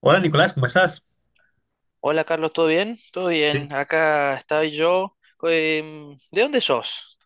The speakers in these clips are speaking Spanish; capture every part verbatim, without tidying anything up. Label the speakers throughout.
Speaker 1: Hola Nicolás, ¿cómo estás?
Speaker 2: Hola Carlos, ¿todo bien? Todo
Speaker 1: Sí.
Speaker 2: bien, acá estoy yo. Em, ¿de dónde sos?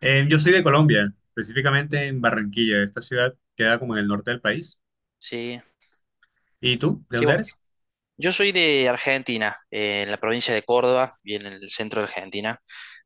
Speaker 1: Eh, yo soy de Colombia, específicamente en Barranquilla. Esta ciudad queda como en el norte del país.
Speaker 2: Sí,
Speaker 1: ¿Y tú? ¿De
Speaker 2: qué
Speaker 1: dónde
Speaker 2: bu-
Speaker 1: eres?
Speaker 2: yo soy de Argentina, eh, en la provincia de Córdoba bien en el centro de Argentina.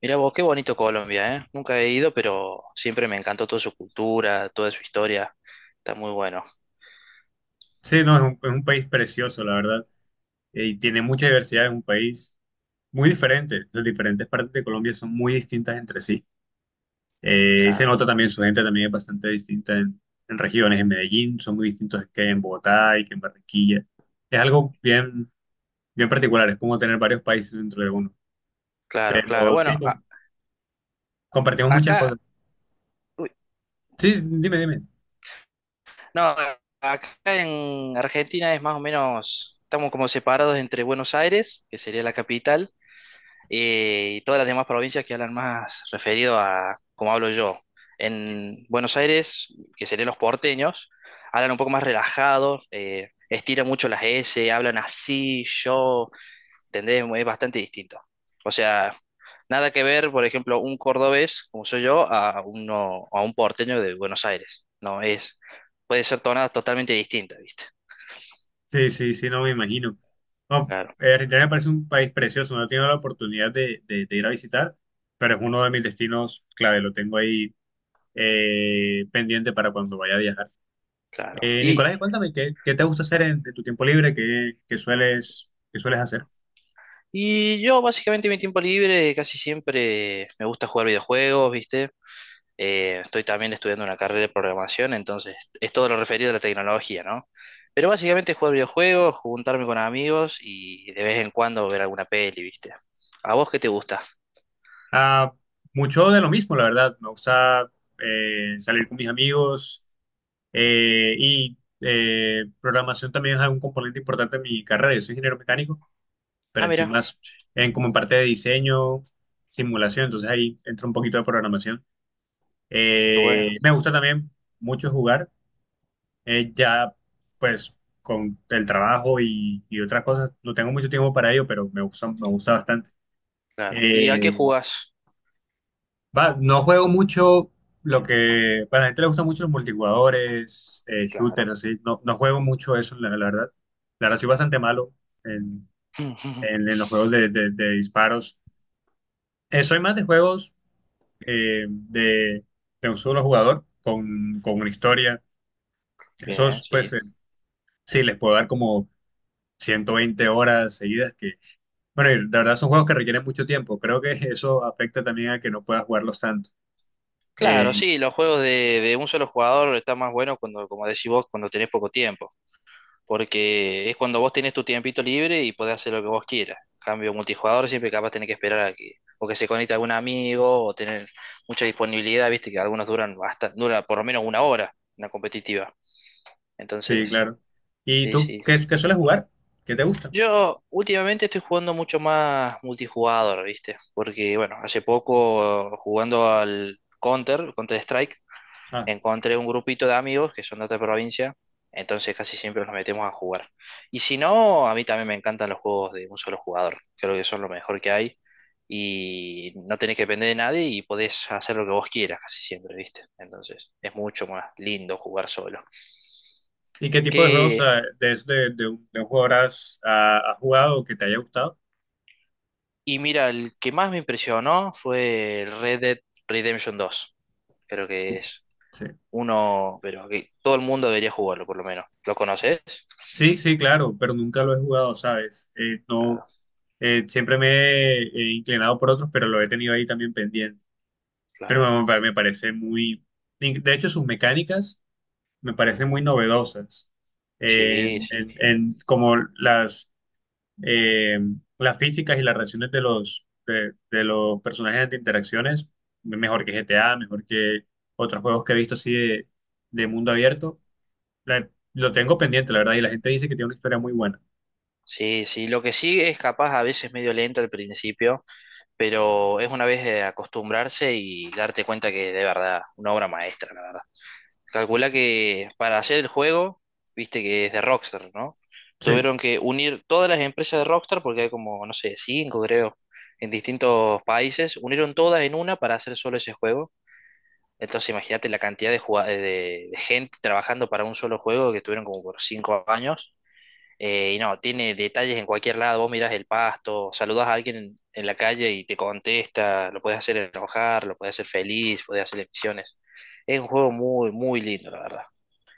Speaker 2: Mirá vos, qué bonito Colombia, ¿eh? Nunca he ido, pero siempre me encantó toda su cultura, toda su historia. Está muy bueno.
Speaker 1: Sí, no, es un, es un país precioso, la verdad. Eh, y tiene mucha diversidad, es un país muy diferente. Las diferentes partes de Colombia son muy distintas entre sí. Eh, y se
Speaker 2: Claro,
Speaker 1: nota también, su gente también es bastante distinta en, en regiones. En Medellín son muy distintos que en Bogotá y que en Barranquilla. Es algo bien, bien particular, es como tener varios países dentro de uno.
Speaker 2: claro, claro.
Speaker 1: Pero sí,
Speaker 2: Bueno, a-
Speaker 1: com- compartimos muchas
Speaker 2: acá,
Speaker 1: cosas.
Speaker 2: uy,
Speaker 1: Sí, dime, dime.
Speaker 2: no, a- acá en Argentina es más o menos, estamos como separados entre Buenos Aires, que sería la capital, eh, y todas las demás provincias que hablan más referido a como hablo yo. En Buenos Aires, que serían los porteños, hablan un poco más relajados, eh, estiran mucho las S, hablan así, yo, ¿entendés? Es bastante distinto. O sea, nada que ver, por ejemplo, un cordobés, como soy yo, a uno, a un porteño de Buenos Aires. No es, puede ser tonadas totalmente distintas, ¿viste?
Speaker 1: Sí, sí, sí, no me imagino. No,
Speaker 2: Claro,
Speaker 1: eh, Argentina me parece un país precioso, no he tenido la oportunidad de, de- de ir a visitar, pero es uno de mis destinos clave, lo tengo ahí eh, pendiente para cuando vaya a viajar.
Speaker 2: claro.
Speaker 1: Eh,
Speaker 2: Y
Speaker 1: Nicolás, y cuéntame, ¿qué, qué te gusta hacer en, de tu tiempo libre? ¿Qué, qué sueles, qué sueles hacer?
Speaker 2: Y yo básicamente mi tiempo libre casi siempre me gusta jugar videojuegos, ¿viste? Eh, estoy también estudiando una carrera de programación, entonces es todo lo referido a la tecnología, ¿no? Pero básicamente jugar videojuegos, juntarme con amigos y de vez en cuando ver alguna peli, ¿viste? ¿A vos qué te gusta?
Speaker 1: Ah, mucho de lo mismo, la verdad. Me gusta eh, salir con mis amigos eh, y eh, programación también es un componente importante de mi carrera. Yo soy ingeniero mecánico, pero
Speaker 2: Ah,
Speaker 1: estoy
Speaker 2: mira,
Speaker 1: más en como en parte de diseño, simulación, entonces ahí entra un poquito de programación.
Speaker 2: qué bueno,
Speaker 1: Eh, me gusta también mucho jugar, eh, ya pues con el trabajo y, y otras cosas, no tengo mucho tiempo para ello, pero me gusta, me gusta bastante.
Speaker 2: claro. ¿Y a qué
Speaker 1: Eh,
Speaker 2: jugás?
Speaker 1: va, no juego mucho lo que, para la gente le gusta mucho los multijugadores, eh, shooters,
Speaker 2: Claro.
Speaker 1: así, no, no juego mucho eso, la, la verdad. La verdad, soy bastante malo en, en- en los juegos de de- de disparos. Eh, soy más de juegos eh, de, de un solo jugador con, con una historia.
Speaker 2: Bien,
Speaker 1: Esos, pues,
Speaker 2: sí.
Speaker 1: eh, sí, les puedo dar como ciento veinte horas seguidas, que, bueno, y la verdad son juegos que requieren mucho tiempo. Creo que eso afecta también a que no puedas jugarlos tanto. Eh,
Speaker 2: Claro, sí, los juegos de, de un solo jugador están más buenos cuando, como decís vos, cuando tenés poco tiempo. Porque es cuando vos tenés tu tiempito libre y podés hacer lo que vos quieras. Cambio multijugador, siempre capaz tenés que esperar a que, o que se conecte algún amigo, o tener mucha disponibilidad, viste que algunos duran hasta, dura por lo menos una hora, una competitiva.
Speaker 1: sí,
Speaker 2: Entonces,
Speaker 1: claro. ¿Y
Speaker 2: sí,
Speaker 1: tú
Speaker 2: sí.
Speaker 1: qué, qué sueles jugar? ¿Qué te gusta?
Speaker 2: Yo últimamente estoy jugando mucho más multijugador, viste, porque bueno, hace poco jugando al Counter, Counter Strike,
Speaker 1: Ah,
Speaker 2: encontré un grupito de amigos que son de otra provincia, entonces casi siempre nos metemos a jugar. Y si no, a mí también me encantan los juegos de un solo jugador, creo que son lo mejor que hay y no tenés que depender de nadie y podés hacer lo que vos quieras casi siempre, ¿viste? Entonces es mucho más lindo jugar solo.
Speaker 1: ¿y qué tipo de juegos
Speaker 2: Que,
Speaker 1: ah, de, de, de un, de un jugador has, ah, has jugado que te haya gustado?
Speaker 2: y mira, el que más me impresionó fue el Red Dead Redemption dos, creo que es
Speaker 1: Sí.
Speaker 2: uno, pero que todo el mundo debería jugarlo por lo menos. ¿Lo conoces?
Speaker 1: Sí, sí, claro, pero nunca lo he jugado, ¿sabes? Eh, no,
Speaker 2: Claro,
Speaker 1: Eh, siempre me he inclinado por otros, pero lo he tenido ahí también pendiente.
Speaker 2: claro.
Speaker 1: Pero me, me me parece muy. De hecho, sus mecánicas me parecen muy novedosas.
Speaker 2: Sí,
Speaker 1: En,
Speaker 2: sí.
Speaker 1: en- en como las, eh, las físicas y las reacciones de los, de, de los personajes de interacciones, mejor que G T A, mejor que otros juegos que he visto así de, de mundo abierto. La- lo tengo pendiente, la verdad, y la gente dice que tiene una historia muy buena.
Speaker 2: Sí, sí, lo que sí es capaz a veces medio lento al principio, pero es una vez de acostumbrarse y darte cuenta que es de verdad una obra maestra, la verdad. Calcula que para hacer el juego, viste que es de Rockstar, ¿no?
Speaker 1: Sí.
Speaker 2: Tuvieron que unir todas las empresas de Rockstar, porque hay como, no sé, cinco creo, en distintos países, unieron todas en una para hacer solo ese juego. Entonces imagínate la cantidad de, jugad- de de gente trabajando para un solo juego que tuvieron como por cinco años, eh, y no, tiene detalles en cualquier lado. Vos mirás el pasto, saludas a alguien en, en la calle y te contesta. Lo puedes hacer enojar, lo puedes hacer feliz, puedes hacer misiones. Es un juego muy, muy lindo, la verdad.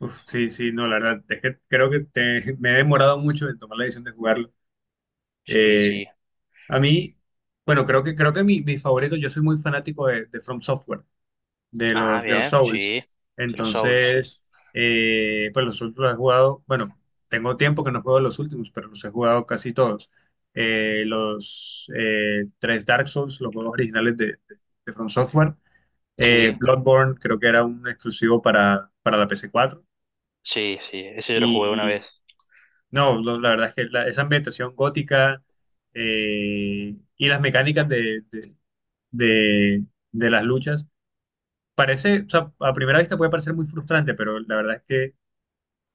Speaker 1: Uf, sí, sí, no, la verdad, es que creo que te- me he demorado mucho en tomar la decisión de jugarlo.
Speaker 2: Sí,
Speaker 1: Eh,
Speaker 2: sí.
Speaker 1: a mí, bueno, creo que creo que mi, mi favorito, yo soy muy fanático de, de From Software, de
Speaker 2: Ah,
Speaker 1: los de los
Speaker 2: bien,
Speaker 1: Souls.
Speaker 2: sí. De los Souls, sí.
Speaker 1: Entonces, eh, pues los últimos los he jugado, bueno, tengo tiempo que no juego los últimos, pero los he jugado casi todos. Eh, los eh, tres Dark Souls, los juegos originales de, de- de From Software. Eh,
Speaker 2: Sí,
Speaker 1: Bloodborne creo que era un exclusivo para, para la P S cuatro.
Speaker 2: sí, sí. Ese yo lo jugué una vez.
Speaker 1: No, lo- la verdad es que la- esa ambientación gótica eh, y las mecánicas de, de, de- de las luchas, parece, o sea, a primera vista puede parecer muy frustrante, pero la verdad es que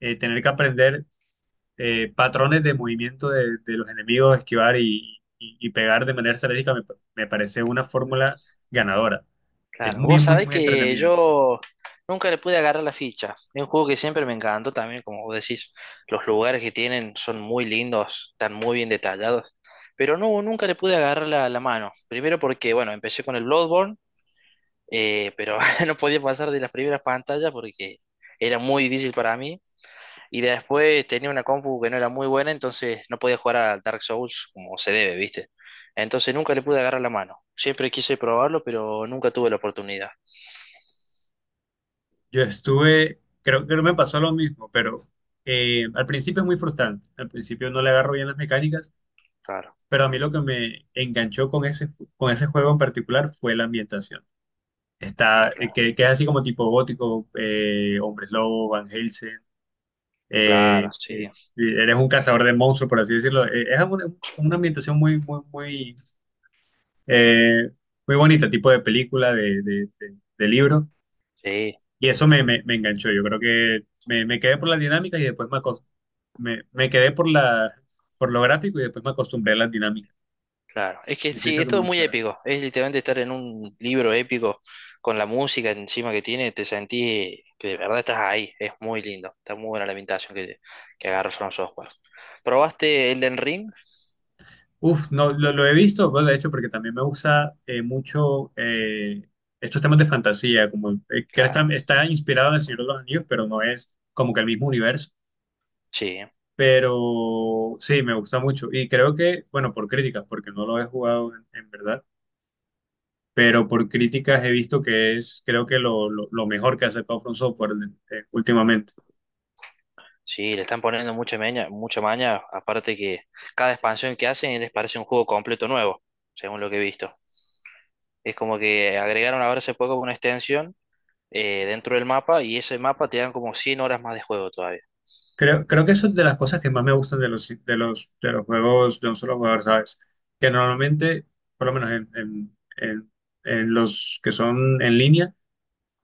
Speaker 1: eh, tener que aprender eh, patrones de movimiento de, de los enemigos, esquivar y, y- y pegar de manera estratégica me, me parece una fórmula ganadora. Es
Speaker 2: Claro,
Speaker 1: muy,
Speaker 2: vos
Speaker 1: muy,
Speaker 2: sabés
Speaker 1: muy
Speaker 2: que
Speaker 1: entretenido.
Speaker 2: yo nunca le pude agarrar la ficha. Es un juego que siempre me encantó también, como vos decís, los lugares que tienen son muy lindos, están muy bien detallados, pero no, nunca le pude agarrar la, la mano. Primero porque, bueno, empecé con el Bloodborne, eh, pero no podía pasar de las primeras pantallas porque era muy difícil para mí. Y después tenía una compu que no era muy buena, entonces no podía jugar a Dark Souls como se debe, ¿viste? Entonces nunca le pude agarrar la mano. Siempre quise probarlo, pero nunca tuve la oportunidad.
Speaker 1: Yo estuve, creo que no me pasó lo mismo, pero eh, al principio es muy frustrante. Al principio no le agarro bien las mecánicas.
Speaker 2: Claro.
Speaker 1: Pero a mí lo que me enganchó con ese, con ese juego en particular fue la ambientación. Está, eh,
Speaker 2: Claro,
Speaker 1: que, que es así como tipo gótico, eh, hombres lobo, Van Helsing, eh,
Speaker 2: claro, sí,
Speaker 1: eh, eres un cazador de monstruos, por así decirlo. Eh, es una, una ambientación muy, muy, muy, eh, muy bonita, tipo de película, de, de, de- de libro.
Speaker 2: sí,
Speaker 1: Y eso me, me, me enganchó. Yo creo que me, me quedé por las dinámicas y después me, acos- me, me quedé por la, por lo gráfico y después me acostumbré a las dinámicas.
Speaker 2: claro. Es que
Speaker 1: Y eso
Speaker 2: sí,
Speaker 1: hizo
Speaker 2: es
Speaker 1: que me
Speaker 2: todo muy
Speaker 1: gustara.
Speaker 2: épico. Es literalmente estar en un libro épico con la música encima que tiene, te sentís que de verdad estás ahí. Es muy lindo. Está muy buena la ambientación que, que agarra From Software. ¿Probaste Elden Ring?
Speaker 1: Uf, no, lo, lo he visto, pues, de hecho, porque también me gusta eh, mucho eh, estos temas de fantasía, como eh, que está,
Speaker 2: Claro,
Speaker 1: está inspirado en El Señor de los Anillos, pero no es como que el mismo universo.
Speaker 2: sí,
Speaker 1: Pero sí, me gusta mucho. Y creo que, bueno, por críticas, porque no lo he jugado en, en verdad, pero por críticas he visto que es, creo que lo, lo, lo mejor que ha sacado From Software eh, últimamente.
Speaker 2: sí, le están poniendo mucha maña, mucha maña, aparte que cada expansión que hacen les parece un juego completo nuevo, según lo que he visto. Es como que agregaron ahora hace poco una extensión, eh, dentro del mapa y ese mapa te dan como cien horas más de juego todavía.
Speaker 1: Creo, creo que eso es de las cosas que más me gustan de los, de los, de los juegos de un solo jugador, ¿sabes? Que normalmente, por lo menos en, en, en- en los que son en línea,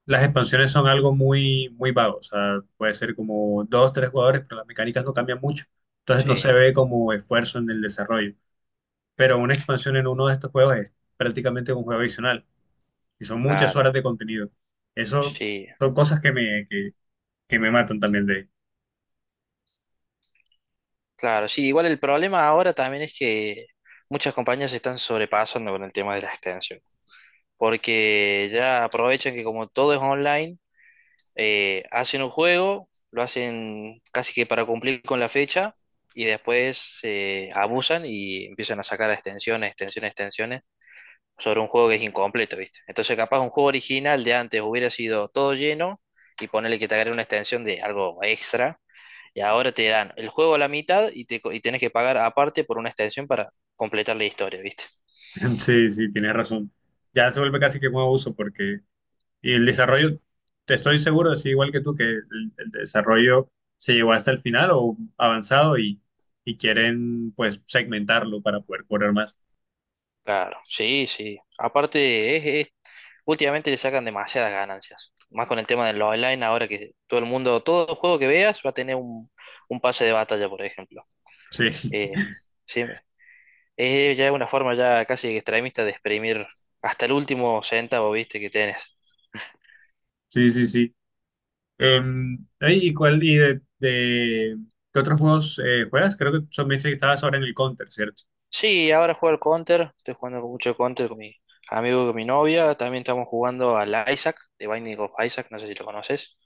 Speaker 1: las expansiones son algo muy, muy vago. O sea, puede ser como dos, tres jugadores, pero las mecánicas no cambian mucho. Entonces
Speaker 2: Sí,
Speaker 1: no se ve como esfuerzo en el desarrollo. Pero una expansión en uno de estos juegos es prácticamente un juego adicional y son muchas
Speaker 2: claro,
Speaker 1: horas de contenido. Eso
Speaker 2: sí,
Speaker 1: son cosas que me, que, que me matan también
Speaker 2: claro, sí. Igual el problema ahora también es que muchas compañías se están sobrepasando con el tema de la extensión, porque ya aprovechan que como todo es online, eh, hacen un juego, lo hacen casi que para cumplir con la fecha y después eh, abusan y empiezan a sacar extensiones, extensiones, extensiones. Sobre un juego que es incompleto, ¿viste? Entonces, capaz un juego original de antes hubiera sido todo lleno y ponerle que te agregue una extensión de algo extra. Y ahora te dan el juego a la mitad y, te, co- y tenés que pagar aparte por una extensión para completar la historia, ¿viste?
Speaker 1: Sí, sí, tienes razón. Ya se vuelve casi que un abuso porque y el desarrollo, te estoy seguro, así igual que tú, que el, el desarrollo se llevó hasta el final o avanzado y, y quieren pues segmentarlo para poder cobrar más.
Speaker 2: Claro, sí, sí. Aparte, es, es- últimamente le sacan demasiadas ganancias. Más con el tema de los online, ahora que todo el mundo, todo juego que veas va a tener un, un pase de batalla, por ejemplo.
Speaker 1: Sí,
Speaker 2: Eh, sí, es ya una forma ya casi extremista de exprimir hasta el último centavo, viste, que tenés.
Speaker 1: sí, sí, sí. Em, ay, ¿y cuál, y de, de- qué otros juegos eh, juegas? Creo que son, me dice que estabas ahora en el Counter, ¿cierto?
Speaker 2: Sí, ahora juego al Counter, estoy jugando con mucho Counter con mi amigo, y con mi novia, también estamos jugando al Isaac, de Binding of Isaac, no sé si lo conoces.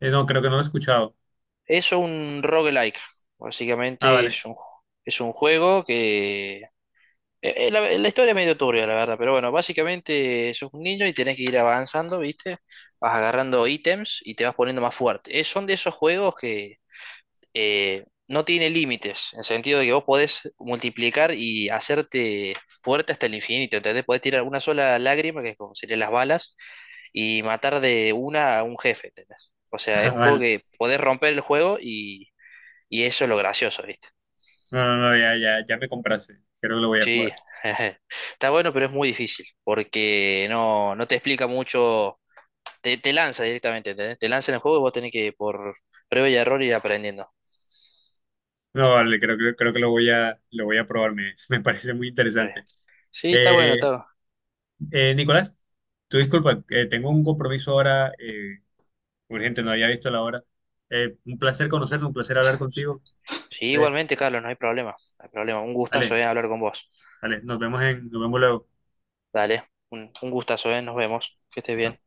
Speaker 1: Eh, no, creo que no lo he escuchado.
Speaker 2: Es un roguelike,
Speaker 1: Ah,
Speaker 2: básicamente
Speaker 1: vale.
Speaker 2: es un, ju- es un juego que... eh, eh, La, la historia es medio turbia, la verdad, pero bueno, básicamente sos un niño y tenés que ir avanzando, viste, vas agarrando ítems y te vas poniendo más fuerte. Eh, son de esos juegos que eh, no tiene límites, en el sentido de que vos podés multiplicar y hacerte fuerte hasta el infinito, ¿entendés? Podés tirar una sola lágrima, que es como serían las balas, y matar de una a un jefe, ¿entendés? O sea,
Speaker 1: Ah,
Speaker 2: es un juego
Speaker 1: vale.
Speaker 2: que podés romper el juego y, y eso es lo gracioso, ¿viste?
Speaker 1: No, no, no, ya, ya, ya me compraste. Creo que lo voy a
Speaker 2: Sí,
Speaker 1: jugar.
Speaker 2: está bueno, pero es muy difícil, porque no, no te explica mucho, te, te lanza directamente, ¿entendés? Te lanza en el juego y vos tenés que por prueba y error ir aprendiendo.
Speaker 1: No, vale, creo, creo, creo que lo voy a, lo voy a probar, me, me parece muy
Speaker 2: Eh,
Speaker 1: interesante.
Speaker 2: Sí, está bueno,
Speaker 1: Eh,
Speaker 2: está
Speaker 1: eh, Nicolás, tu disculpa, eh, tengo un compromiso ahora eh, urgente, no había visto la hora. Eh, un placer conocerte, un placer hablar contigo.
Speaker 2: sí,
Speaker 1: Entonces,
Speaker 2: igualmente, Carlos, no hay problema. No hay problema. Un gustazo,
Speaker 1: vale,
Speaker 2: eh, hablar con vos.
Speaker 1: vale, nos vemos en, nos vemos luego.
Speaker 2: Dale, un, un gustazo, eh, nos vemos. Que estés bien.